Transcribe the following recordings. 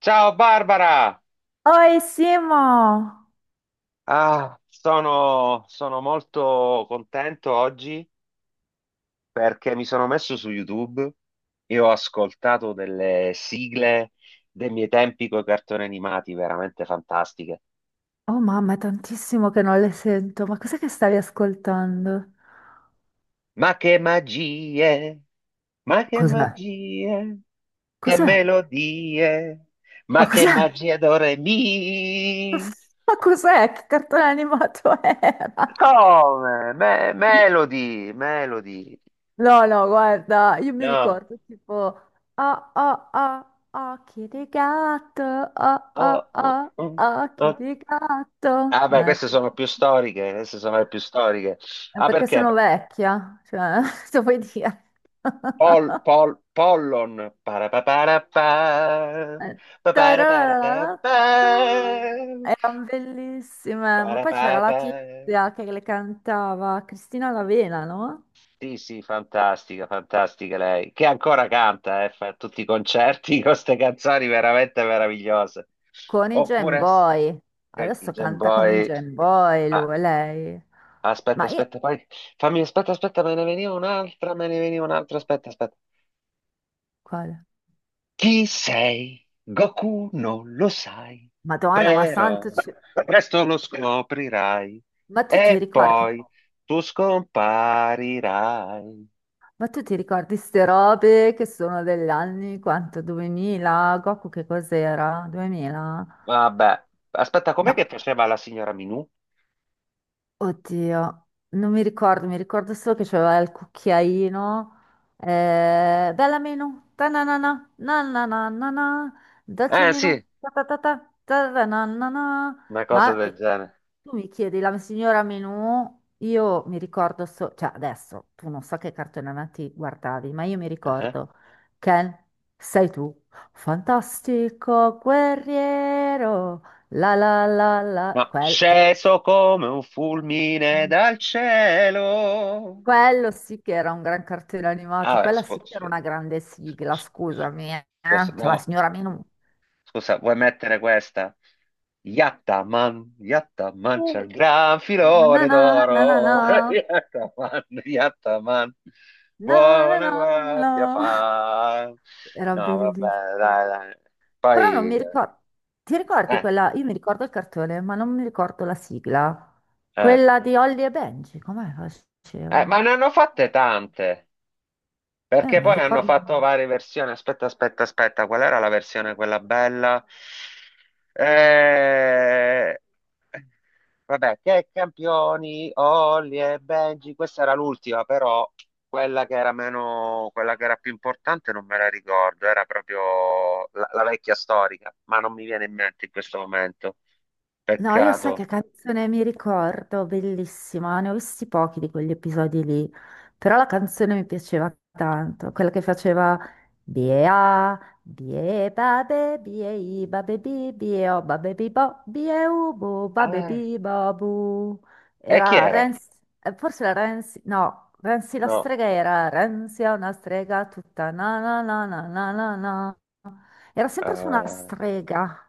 Ciao, Barbara! Oi Simo! Ah, sono molto contento oggi, perché mi sono messo su YouTube e ho ascoltato delle sigle dei miei tempi con i cartoni animati, veramente fantastiche. Oh mamma, è tantissimo che non le sento. Ma cos'è che stavi ascoltando? Ma che magie! Ma che Cos'è? magie! Che Cos'è? melodie! Ma Ma che cos'è? magia do re mi! Ma cos'è? Che cartone animato era? Come? Melody, melody. No, no, guarda, io mi No. ricordo tipo oh, oh, oh, occhi di gatto, oh, Oh, oh, oh, oh, oh. occhi di gatto. Ah, beh, No, no, queste sono più storiche, queste sono le più storiche. no, Ah, perché perché? sono vecchia, cioè, se vuoi dire. Pollon. Parapaparapa, Eh, paparaparapapa, tararararata. Erano bellissime, ma poi c'era la parapapa. tizia che le cantava Cristina Lavena, no? Sì, sì, fantastica, fantastica lei. Che ancora canta, fa tutti i concerti con queste canzoni veramente meravigliose. Con i Jam Oppure, Boy. Adesso Jam canta con i Boy. Jam Boy Ah, lui, lei. aspetta, Ma io, aspetta, poi fammi, aspetta, aspetta, me ne veniva un'altra, me ne veniva un'altra, aspetta, aspetta. quale? Chi sei? Goku non lo sai, Madonna, ma però santo, presto lo scoprirai ma tu ti e ricordi? poi tu scomparirai. Ma tu ti ricordi ste robe che sono degli anni, quanto? 2000? Goku che cos'era? 2000? Vabbè, aspetta, com'è che No. faceva la signora Minù? Oddio, non mi ricordo, mi ricordo solo che c'aveva il cucchiaino. Bella meno, ta na na na, na na na na na, dolce Eh meno, sì, ta ta ta ta, ta ta na na na. una cosa Ma del genere. tu mi chiedi la signora Menù, io mi ricordo solo, cioè adesso tu non so che cartone animati guardavi, ma io mi Eh, ricordo Ken, sei tu, fantastico guerriero, la la la la, No, quel... sceso come un fulmine dal cielo. Quello sì che era un gran cartone animato, Ah, quella sì che era una grande sfo- sigla, sfo- sfo- scusami, eh. Cioè la no. signora Minu. Scusa, vuoi mettere questa? Yattaman, Yattaman, c'è Uh. il gran Na na filone na na na, na d'oro. Yattaman, Yattaman, na na buona na na. guardia fa. Era No, vabbè, bellissimo. dai, dai. Però non Poi, mi ricordo, ti ricordi eh, quella? Io mi ricordo il cartone, ma non mi ricordo la sigla. eh, Quella di Holly e Benji, com'è che ma faceva? ne hanno fatte tante. Eh, Perché ma poi hanno ricordo. fatto varie versioni. Aspetta, aspetta, aspetta, qual era la versione quella bella? Eh, Vabbè, che campioni, Olli e Benji, questa era l'ultima, però quella che era meno, quella che era più importante non me la ricordo, era proprio la, la vecchia storica, ma non mi viene in mente in questo momento. No, io sai Peccato. che canzone mi ricordo, bellissima, ne ho visti pochi di quegli episodi lì, però la canzone mi piaceva tanto, quella che faceva Bia, bie babe, bie i babe bi, bie o babe bi bo, bie u bu, babe Eh, bi babu. e chi Era era? Renzi, forse era Renzi, no, Renzi la No, strega era Renzi è una strega tutta na na na na na na na. Era sempre su una eh, strega.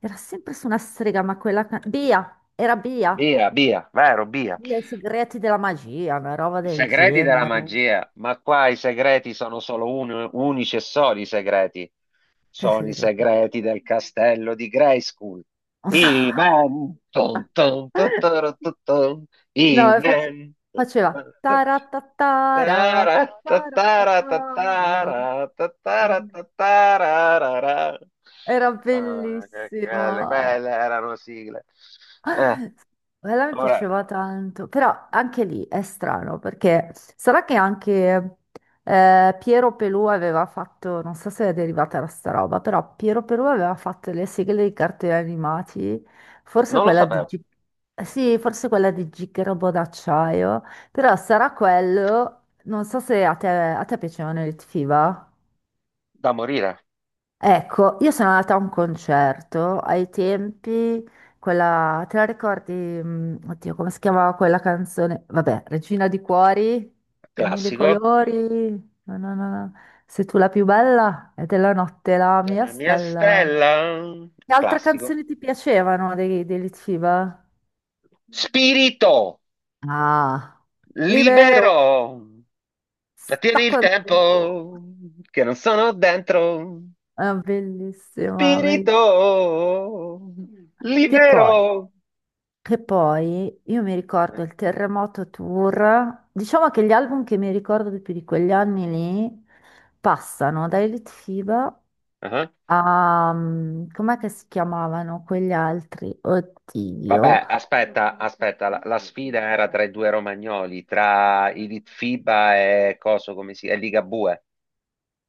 Era sempre su una strega, ma quella... Bea, era Bea. Bia, Bia, vero, Bia. Bea, i segreti della magia, una roba I del segreti della genere. magia, ma qua i segreti sono solo unici e soli, i segreti. Che Sono i segreti? segreti del castello di Grayskull. I men. Tun, tun, tun, tun, tun, tun. I No, e men. faceva... taratatara, Tara, tatara, tataratatara. tatara, tatara, Era tatararara. era Ah, quelle, bellissimo. Eh. quelle erano sigle. Eh, Quella mi ora, piaceva tanto, però anche lì è strano perché sarà che anche Piero Pelù aveva fatto, non so se è derivata da sta roba, però Piero Pelù aveva fatto le sigle dei cartoni animati, forse non lo quella di No? sapevo, Sì, forse quella di Gigabo d'acciaio, però sarà quello, non so se a te piacevano i Lit Fiba. da morire, Ecco, io sono andata a un concerto ai tempi, quella, te la ricordi? Oddio, come si chiamava quella canzone? Vabbè, Regina di Cuori, dei mille classico. colori, no, no, no, no. Sei tu la più bella e della notte la mia La mia stella. stella, Che altre classico. canzoni ti piacevano dei Litfiba? Spirito Ah, libero, libero, sto trattieni il contento. tempo che non sono dentro. È bellissima. Spirito Che poi? libero. Che poi io mi ricordo Eh, il Terremoto Tour, diciamo che gli album che mi ricordo di più di quegli anni lì passano da Elite FIBA ah. a... com'è che si chiamavano quegli altri? Oddio. Vabbè, aspetta, aspetta, la sfida era tra i due romagnoli, tra i Litfiba e coso come si, e Ligabue.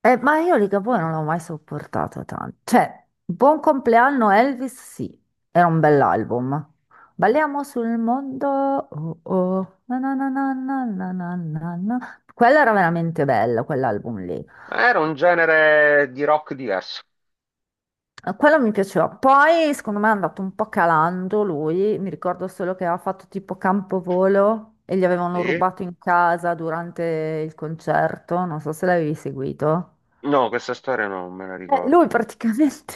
Ma io Ligabue non l'ho mai sopportato tanto. Cioè, Buon compleanno Elvis, sì, era un bell'album. Balliamo sul mondo, oh oh, na na na na na na na na. Quello era veramente bello, quell'album lì. Ma era un genere di rock diverso. Quello mi piaceva. Poi, secondo me, è andato un po' calando lui. Mi ricordo solo che aveva fatto tipo Campovolo e gli avevano Sì? rubato in casa durante il concerto. Non so se l'avevi seguito. No, questa storia non me la Eh, ricordo. lui praticamente,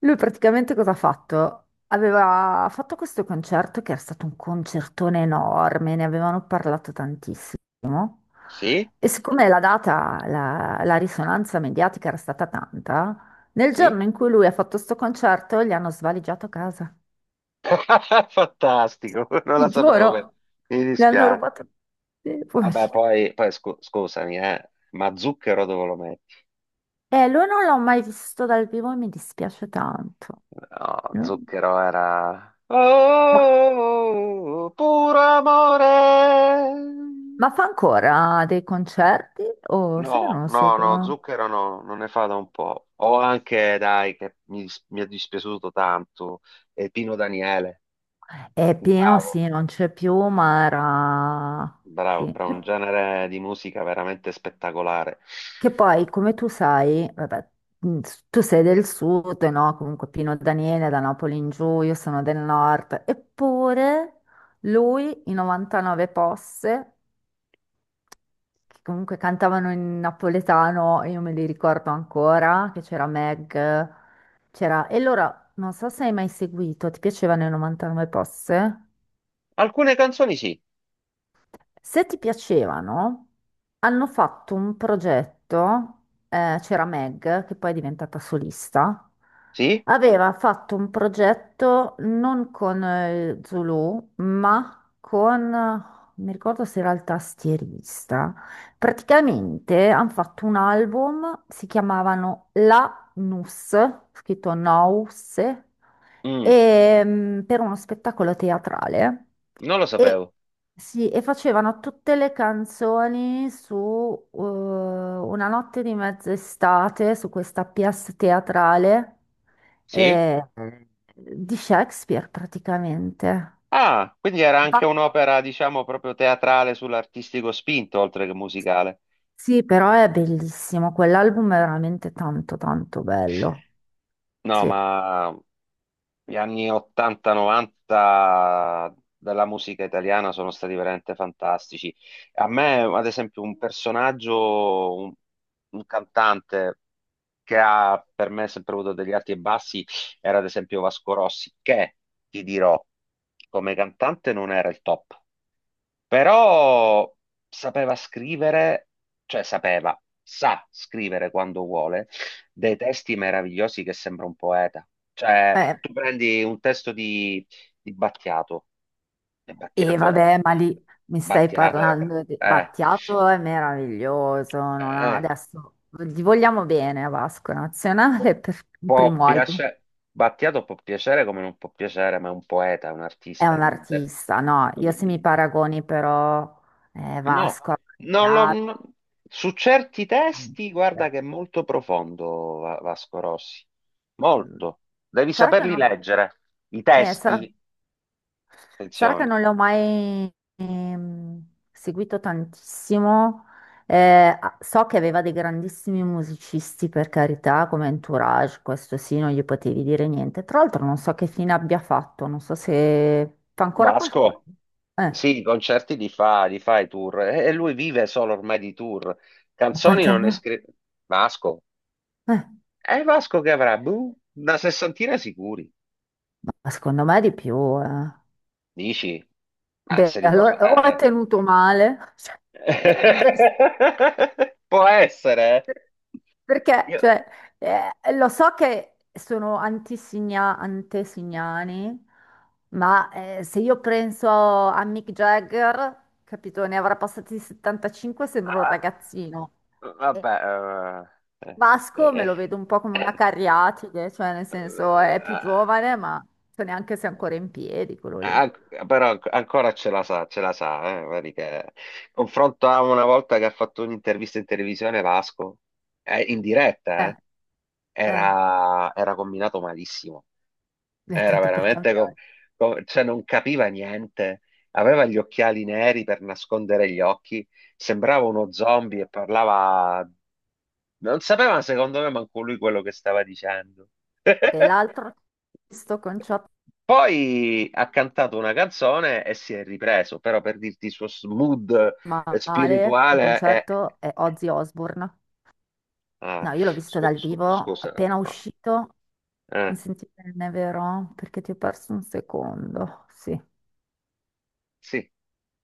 lui praticamente cosa ha fatto? Aveva fatto questo concerto che era stato un concertone enorme, ne avevano parlato tantissimo. Sì? E siccome la data, la risonanza mediatica era stata tanta, nel Sì? giorno in cui lui ha fatto questo concerto gli hanno svaligiato casa. Fantastico, non la Ti sapevo. Beh, giuro, mi gli hanno dispiace. rubato. Sì, Vabbè, poverino. poi scusami, ma zucchero dove lo metti? E lui non l'ho mai visto dal vivo e mi dispiace tanto. No, No. zucchero era. Ma- Oh, puro amore. Ma fa ancora dei concerti? O sai che No, non lo no, no, seguo? zucchero no, non ne fa da un po'. O anche, dai, che mi, mi è dispiaciuto tanto, Pino Daniele. È pieno, Bravo, sì, non c'è più, ma era... bravo, Sì. bravo, un genere di musica veramente spettacolare. Che poi, come tu sai, vabbè, mh, tu sei del sud, no? Comunque Pino Daniele è da Napoli in giù, io sono del nord, eppure lui i 99 posse che comunque cantavano in napoletano, e io me li ricordo ancora, che c'era Meg, c'era... E allora, non so se hai mai seguito, ti piacevano i 99 Posse? Alcune canzoni sì, Se ti piacevano, hanno fatto un progetto, c'era Meg, che poi è diventata solista, sì. aveva fatto un progetto non con Zulu, ma con, mi ricordo se era il tastierista, praticamente hanno fatto un album, si chiamavano La Nus, scritto Nous, Mm, e, per uno spettacolo teatrale. non lo sapevo. E, sì, e facevano tutte le canzoni su Una notte di mezz'estate, su questa pièce teatrale Sì? eh, di Shakespeare praticamente. Ah, quindi era anche Ma- un'opera, diciamo, proprio teatrale sull'artistico spinto, oltre che musicale. Sì, però è bellissimo, quell'album è veramente tanto tanto bello. No, Sì. ma gli anni 80-90 della musica italiana sono stati veramente fantastici. A me, ad esempio, un personaggio, un, cantante che ha per me sempre avuto degli alti e bassi, era ad esempio Vasco Rossi, che ti dirò, come cantante non era il top. Però sapeva scrivere, cioè sapeva, sa scrivere quando vuole, dei testi meravigliosi, che sembra un poeta. Cioè, Eh, tu prendi un testo di Battiato, e E Battiato era, vabbè, ma lì mi stai Battiato era, parlando di eh, Battiato, è meraviglioso. Non ha- eh, Adesso gli vogliamo bene a Vasco può, Nazionale per il può primo album. piacere, Battiato può piacere come non può piacere, ma è un poeta, è un È artista, è un un, artista, no? Io se mi un- paragoni però No, Vasco a non lo- Battiato. no. Su certi testi, eh, guarda che è molto profondo Vasco Rossi, molto. Devi Sarà che saperli non... leggere, i Sarà... testi, Sarà che attenzione. non l'ho mai seguito tantissimo. So che aveva dei grandissimi musicisti, per carità, come Entourage, questo sì, non gli potevi dire niente. Tra l'altro non so che fine abbia fatto, non so se fa ancora qualcosa. Vasco, Eh, sì, i concerti li fa i tour, e lui vive solo ormai di tour. ma Canzoni quanti non anni ne ha? scrive. Vasco, Eh, è Vasco che avrà, boh, una sessantina sicuri, ma secondo me di più. eh. dici? Ma Beh, se li allora porta. o ha tenuto male. Cioè, beh, Può essere, eh. perché, Io- cioè, lo so che sono antesignani, ma se io penso a Mick Jagger, capito, ne avrà passati 75, sembra un Ah, ragazzino. E vabbè, eh, Vasco me eh, lo vedo un po' come una eh, cariatide, cioè nel senso è più eh, giovane, ma so neanche se è ancora in piedi quello lì. eh, però ancora ce la sa, vedi confronto a una volta che ha fatto un'intervista in televisione Vasco, in diretta, Eh, eh, era combinato malissimo, eh, era tanto per veramente, cambiare. Cioè non capiva niente, aveva gli occhiali neri per nascondere gli occhi, sembrava uno zombie e parlava. Non sapeva, secondo me, manco lui quello che stava dicendo. Dell'altro, sto con Chop Poi ha cantato una canzone e si è ripreso, però per dirti il suo mood, male, in spirituale è. concerto, è Ozzy Osbourne. Ah, No, io l'ho visto dal vivo, scusa. appena Ah, uscito. eh, Mi senti bene, vero? Perché ti ho perso un secondo. Sì. sì.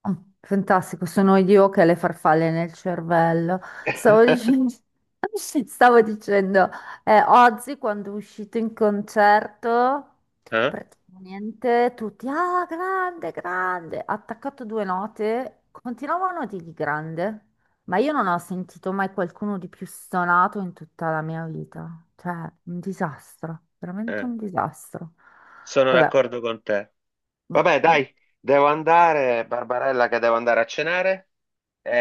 Oh, fantastico, sono io che ho le farfalle nel cervello. Stavo dicendo, stavo dicendo, oggi quando è uscito in concerto, Eh? praticamente tutti, ah, grande, grande, ha attaccato due note, continuavano a dirgli grande, ma io non ho sentito mai qualcuno di più stonato in tutta la mia vita. Cioè, un disastro, veramente Eh, un disastro. Sono Vabbè. d'accordo con te. Mm, Vabbè, mm, dai, devo andare, Barbarella, che devo andare a cenare.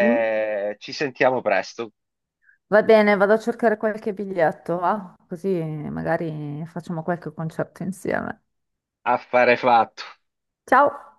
mm. Ci sentiamo presto. Va bene, vado a cercare qualche biglietto, va? Così magari facciamo qualche concerto insieme. Affare fatto. Ciao!